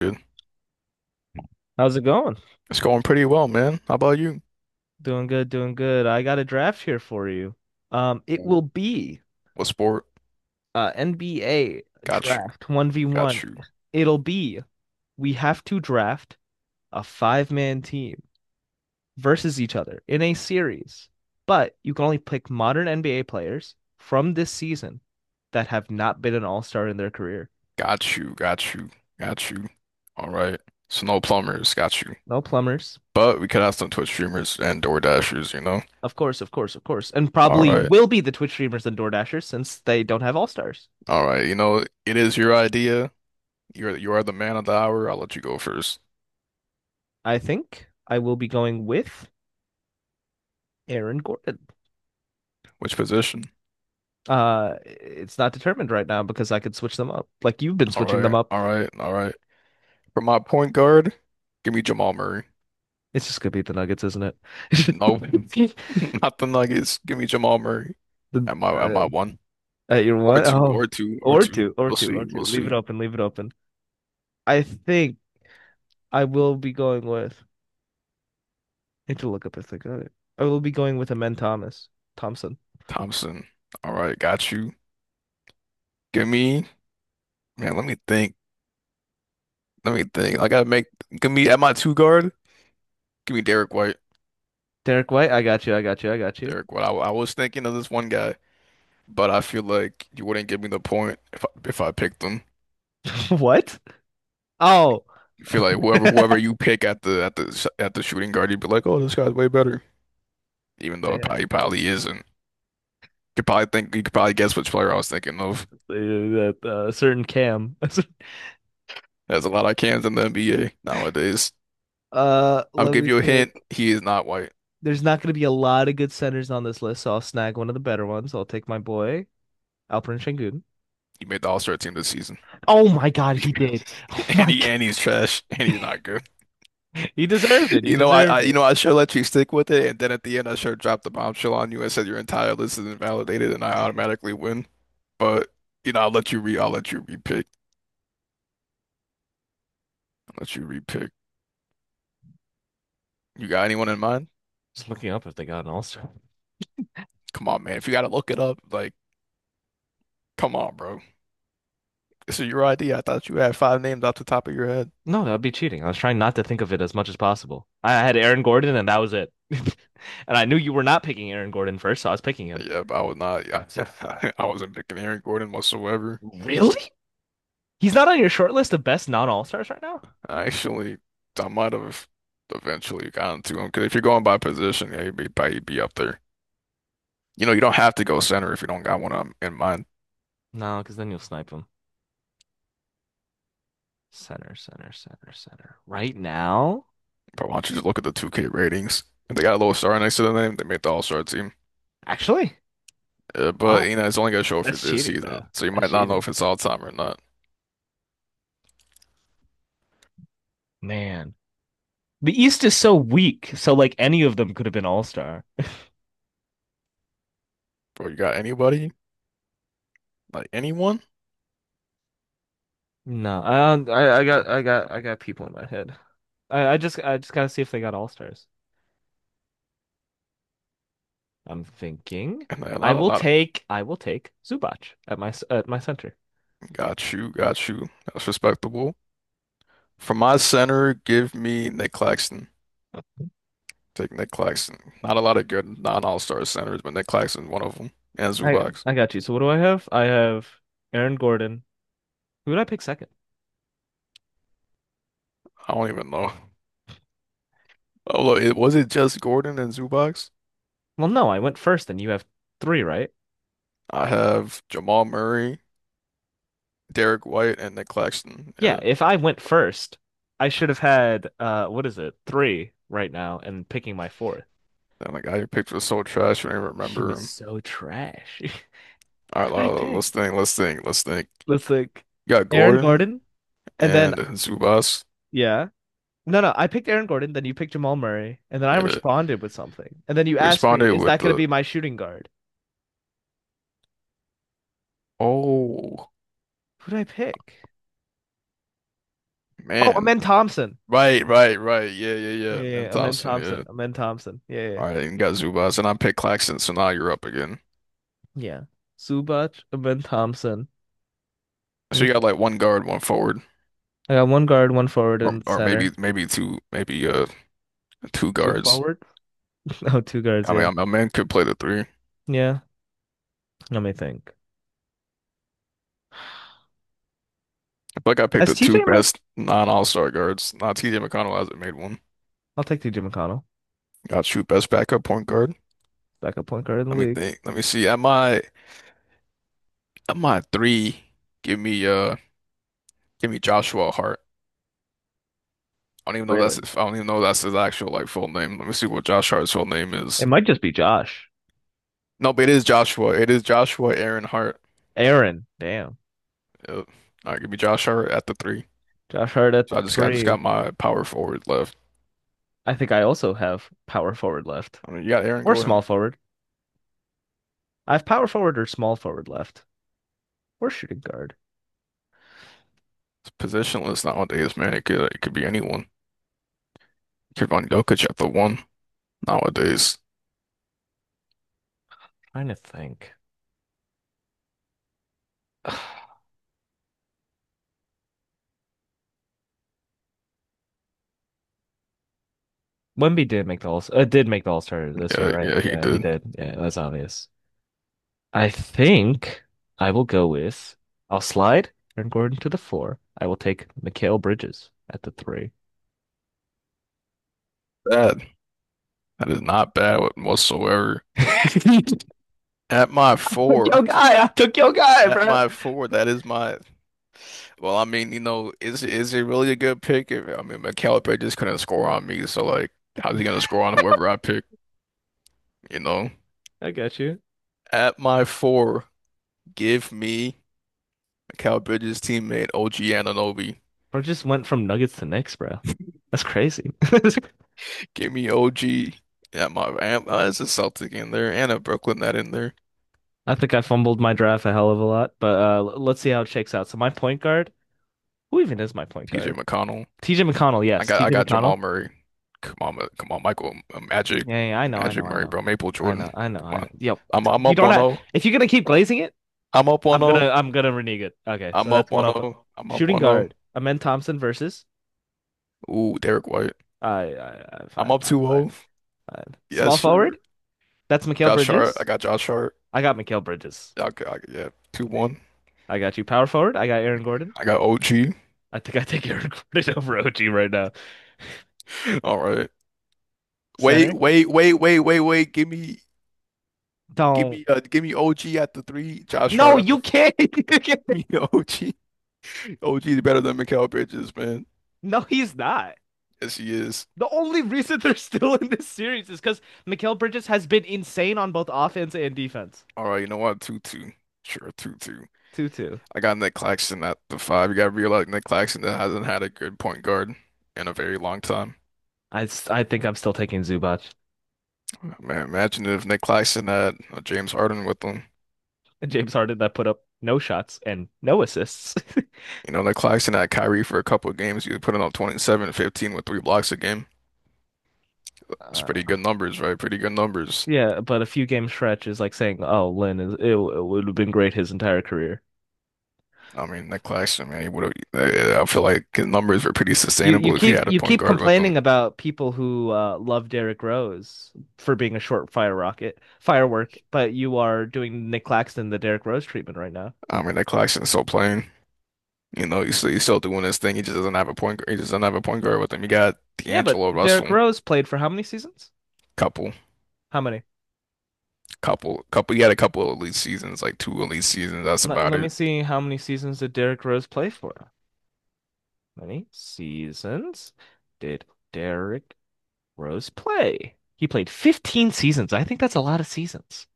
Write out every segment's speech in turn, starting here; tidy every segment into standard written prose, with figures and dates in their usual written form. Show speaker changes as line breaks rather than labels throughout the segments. Good.
How's it going?
It's going pretty well, man. How about you?
Doing good, doing good. I got a draft here for you. It will be
What sport?
NBA
Got you.
draft 1v1.
Got you.
It'll be We have to draft a five-man team versus each other in a series. But you can only pick modern NBA players from this season that have not been an all-star in their career.
Got you. Got you. Got you. All right. So no plumbers. Got you.
No plumbers.
But we could have some Twitch streamers and Door Dashers,
Of course, of course, of course. And
All
probably
right.
will be the Twitch streamers and DoorDashers since they don't have all-stars.
All right. You know, it is your idea. You are the man of the hour. I'll let you go first.
I think I will be going with Aaron Gordon.
Which position?
It's not determined right now because I could switch them up. Like you've been
All
switching them
right.
up.
All right. All right. For my point guard, give me Jamal Murray.
It's just gonna be the Nuggets, isn't
No,
it?
not the Nuggets. Give me Jamal Murray
The,
at my at
uh,
my one.
at your
Or
one?
two,
Oh,
or two, or
or
two.
two, or
We'll
two,
see.
or two.
We'll
Leave it
see.
open, leave it open. I think I will be going with. I need to look up if they got it. I will be going with Amen Thomas Thompson.
Thompson. All right, got you. Give me, man, let me think. Let me think. I gotta make, give me at my two guard, give me Derek White.
Derek White, I got you, I got you, I got you.
Derek White. I was thinking of this one guy, but I feel like you wouldn't give me the point if I picked him.
What? Oh,
You feel like whoever whoever you pick at the at the shooting guard, you'd be like, oh, this guy's way better, even though it
Yeah.
probably, he probably isn't. You could probably think you could probably guess which player I was thinking of.
That certain Cam.
There's a lot of cans in the NBA nowadays. I'll
Let
give
me
you a
think.
hint. He is not white.
There's not going to be a lot of good centers on this list, so I'll snag one of the better ones. I'll take my boy Alperen Şengün.
He made the All-Star team this season.
Oh my God, he did. Oh
And
my
he
God,
and he's trash and he's not good.
he deserved it. He
You know, I,
deserved
I
it.
I sure let you stick with it, and then at the end I sure dropped the bombshell on you and said your entire list is invalidated, and I automatically win. But you know, I'll let you re I'll let you repick. I'll let you repick. You got anyone in mind?
Just looking up if they got an All-Star.
Come on, man. If you gotta look it up, like, come on, bro. This is your idea. I thought you had five names off the top of your head.
No, that would be cheating. I was trying not to think of it as much as possible. I had Aaron Gordon, and that was it. And I knew you were not picking Aaron Gordon first, so I was picking him.
Yeah, but I was not. I, I wasn't picking Aaron Gordon whatsoever.
Really? He's not on your short list of best non-all-stars right now?
Actually, I might have eventually gotten to him because if you're going by position, yeah, he'd be, probably be up there. You know, you don't have to go center if you don't got one in mind.
No, because then you'll snipe him. Center, center, center, center. Right now?
But why don't you just look at the 2K ratings? If they got a little star next to their name, they made the All-Star team.
Actually,
But
what?
you know, it's only gonna show for
That's
this
cheating,
season,
though.
so you
That's
might not know
cheating.
if it's all time or not.
Man. The East is so weak, so like any of them could have been all-star.
Bro, you got anybody? Like anyone?
No. I got people in my head. I just gotta see if they got all stars. I'm thinking
And
I
a
will
lot,
take I will take Zubac at my center.
Got you, got you. That's respectable. For my center, give me Nick Claxton. Take Nick Claxton. Not a lot of good non-all-star centers, but Nick Claxton one of them. And
I
Zubox.
I got you. So what do I have? I have Aaron Gordon. Who did I pick second?
I don't even know. Oh, look, it, was it just Gordon and Zubox?
Well, no, I went first and you have three, right?
I have Jamal Murray, Derek White, and Nick Claxton.
Yeah,
Yeah.
if I went first, I should have had what is it? Three right now and picking my fourth.
Damn, the guy you picked was so trash, I don't even
She
remember
was
him.
so trash. Who
All right,
did I
well,
pick?
let's think.
Let's like
You got
Aaron
Gordon
Gordon and then
and Zubox.
yeah. No, no, I picked Aaron Gordon, then you picked Jamal Murray, and then I
Yeah,
responded with something. And then you
you
asked me,
responded
is
with
that going to be my shooting guard?
oh,
Who did I pick? Oh,
man.
Amen Thompson.
Right, right, right. Yeah, yeah,
Yeah,
yeah.
yeah,
Man
yeah, Amen
Thompson,
Thompson.
yeah.
Amen Thompson. Yeah, yeah. Yeah.
All right, and got Zubas, and I picked Claxton, so now you're up again.
Yeah. Zubac, Amen Thompson. Let
So
me
you got like one guard, one forward,
I got one guard, one forward
or
and
or maybe
center.
maybe two, maybe two
Two
guards.
forward? Oh, two guards,
I mean,
yeah.
a man could play the three. I
Yeah, let me think.
feel like I picked the
As
two
TJ Mc...
best non-all-star guards. Now TJ McConnell hasn't made one.
I'll take TJ McConnell,
Got shoot best backup point guard.
backup point guard in the
Let me
league.
think. Let me see. At my three, give me uh give me Joshua Hart.
Really?
I don't even know that's his actual like full name. Let me see what Josh Hart's full name is.
It might just be Josh.
No, but it is Joshua. It is Joshua Aaron Hart.
Aaron, damn.
Yep. All right, give me Josh Hart at the three.
Josh Hart at
So I just
three.
got my power forward left.
I think I also have power forward left.
I mean, you got Aaron
Or
Gordon.
small forward. I have power forward or small forward left. Or shooting guard.
It's positionless nowadays, man. It could be anyone. Kevon Jokic at the one nowadays.
Trying to think. Wemby did make the All-Star this year,
Yeah,
right?
yeah, he
Yeah, he
did.
did. Yeah, that's obvious. I think I will go with I'll slide Aaron Gordon to the four. I will take Mikal Bridges at the three.
Bad. That is not bad whatsoever.
Took
At my four,
I took your guy,
at
bro.
my four, that is my. Well, I mean, you know, is it really a good pick? If, I mean, McAllister just couldn't score on me, so like, how's he gonna score on whoever I pick? You know.
I got you.
At my four, give me Mikal Bridges' teammate OG Anunoby.
I just went from Nuggets to Knicks, bro. That's crazy.
Give me OG at my and, it's a Celtic in there and a Brooklyn net in there.
I think I fumbled my draft a hell of a lot, but let's see how it shakes out. So my point guard, who even is my point
TJ
guard?
McConnell.
TJ McConnell, yes,
I
TJ
got Jamal
McConnell.
Murray. Come on, come on, Michael Magic,
Yeah, yeah, I know, I
Magic
know, I
Murray,
know,
bro. Maple
I
Jordan.
know, I know,
Come
I know.
on.
Yep.
I'm
You
up
don't have,
1-0.
if you're gonna keep glazing it.
I'm up 1-0.
I'm gonna renege it. Okay, so
I'm up
that's one up.
1-0. I'm up
Shooting
1-0.
guard, Amen Thompson versus
Ooh, Derek White.
I I
I'm
five,
up
five, five,
2-0.
five.
Yes,
Small
sir.
forward, that's Mikal
Josh Hart. I
Bridges.
got Josh Hart.
I got Mikal Bridges.
Yeah, 2-1.
I got you. Power forward, I got Aaron Gordon.
I got OG.
I think I take Aaron Gordon over OG right now.
All right.
Center,
Wait.
don't.
Give me OG at the three. Josh
No,
Hart at the
you
four.
can't. You can't.
Give me OG. OG is better than Mikal Bridges, man.
No, he's not.
Yes, he is.
The only reason they're still in this series is because Mikal Bridges has been insane on both offense and defense.
All right, you know what? Two two. Sure, two two.
2-2.
I got Nick Claxton at the five. You got to realize Nick Claxton hasn't had a good point guard in a very long time.
I think I'm still taking Zubac.
Man, imagine if Nick Claxton had James Harden with him.
James Harden that put up no shots and no assists.
You know, Nick Claxton had Kyrie for a couple of games. He was putting up 27 and 15 with three blocks a game. It's pretty
Uh,
good numbers, right? Pretty good numbers.
Yeah, but a few game stretch is like saying, "Oh, Lynn is it would have been great his entire career."
I mean, Nick Claxton, man, he would have. I feel like his numbers were pretty
You you
sustainable if he
keep
had a
you
point
keep
guard with him.
complaining about people who love Derrick Rose for being a short fire rocket firework, but you are doing Nick Claxton the Derrick Rose treatment right now.
I mean, Nick Claxton's so plain. You know, he's still doing his thing. He just doesn't have a point guard. He just doesn't have a point guard with him. You got
Yeah, but
D'Angelo
Derrick
Russell,
Rose played for how many seasons?
couple,
How many?
couple. He had a couple of elite seasons, like two elite seasons. That's
Let,
about
let me
it.
see how many seasons did Derrick Rose play for? Many seasons did Derrick Rose play. He played 15 seasons. I think that's a lot of seasons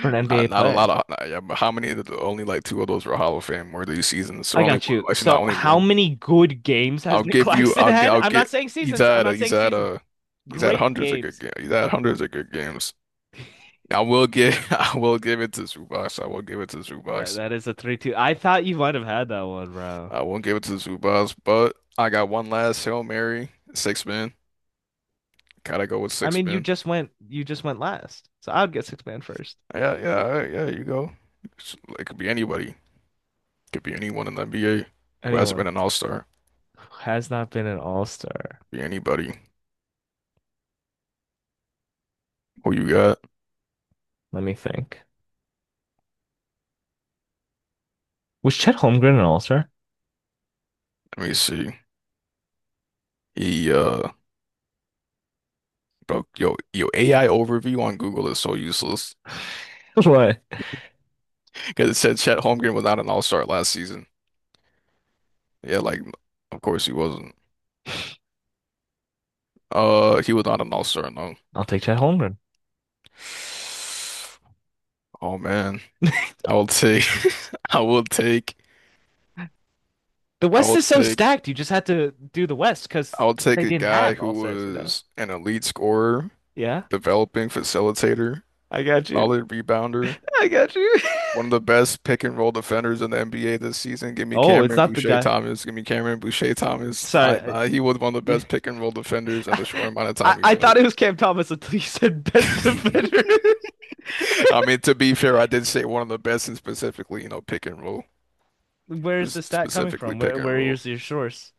for an NBA
Not not a
player.
lot of. Not- Yeah, but how many? Of the, only like two of those were Hall of Fame worthy seasons. So
I
only
got
one.
you.
Actually, not
So,
only
how
one.
many good games has
I'll
Nick
give you.
Claxton
I'll get.
had?
I'll
I'm not
get.
saying seasons. I'm not
He's
saying
had
seasons.
a. He's had
Great
hundreds of good
games.
games. He's had hundreds of good games. I will give I will give it to Zubac. I will give it to
That
Zubac.
that is a 3-2. I thought you might have had that one, bro.
I won't give it to Zubac, but I got one last Hail Mary, six men. Gotta go with
I
six
mean,
men.
you just went last. So, I would get six-man first.
Yeah, yeah, all right, yeah, you go. It could be anybody. Could be anyone in the NBA who hasn't
Anyone
been an all-star.
who has not been an all-star.
Be anybody. Who you got?
Let me think. Was Chet Holmgren an all-star?
Let me see. He bro, AI overview on Google is so useless.
What?
Because it said Chet Holmgren was not an all-star last season. Yeah, like of course he wasn't. He was not an all-star, no.
I'll take Chet Holmgren.
Oh man, I will take, I will take,
The
I
West
will
is so
take,
stacked. You just had to do the West
I
because
will take
they
a
didn't
guy
have all
who
stars, you know?
was an elite scorer,
Yeah,
developing facilitator,
I got you.
solid rebounder,
I got you.
one of the best pick and roll defenders in the NBA this season. Give me
Oh, it's
Cameron
not the
Boucher
guy.
Thomas. Give me Cameron Boucher Thomas.
Sorry.
Nah, nah, he was one of the
You-
best pick and roll defenders in the short amount of
I,
time he
I
played.
thought it was Cam Thomas until you said best defender.
I mean, to be fair, I did say one of the best, and specifically, you know, pick and roll,
Where is the
just
stat coming
specifically
from? Where
pick and
where
roll.
is your source?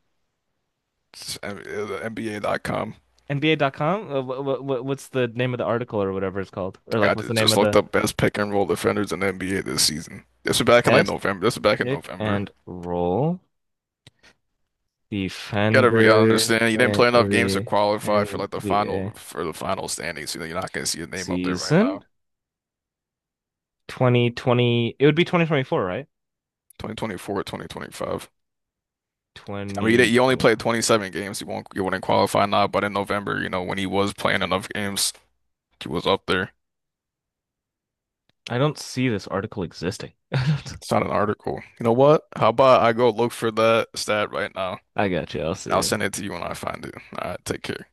It's NBA.com.
NBA. NBA.com? What's the name of the article or whatever it's called? Or like,
I
what's the name
just
of
looked
the
up best pick and roll defenders in the NBA this season. This was back in like
best
November. This was back in
pick
November.
and roll
Gotta be, I
defenders
understand you didn't play
in
enough games to
the
qualify for like the final
NBA?
for the final standings. You know, you're not gonna see your name up there right now.
Season 2020. It would be 2024, right?
2024, 2025. I mean, you, you only played
2024.
27 games. You wouldn't qualify now, but in November, you know, when he was playing enough games, he was up there.
I don't see this article existing. I
It's not an article. You know what? How about I go look for that stat right now?
got you. I'll
I'll
see.
send it to you when I find it. All right, take care.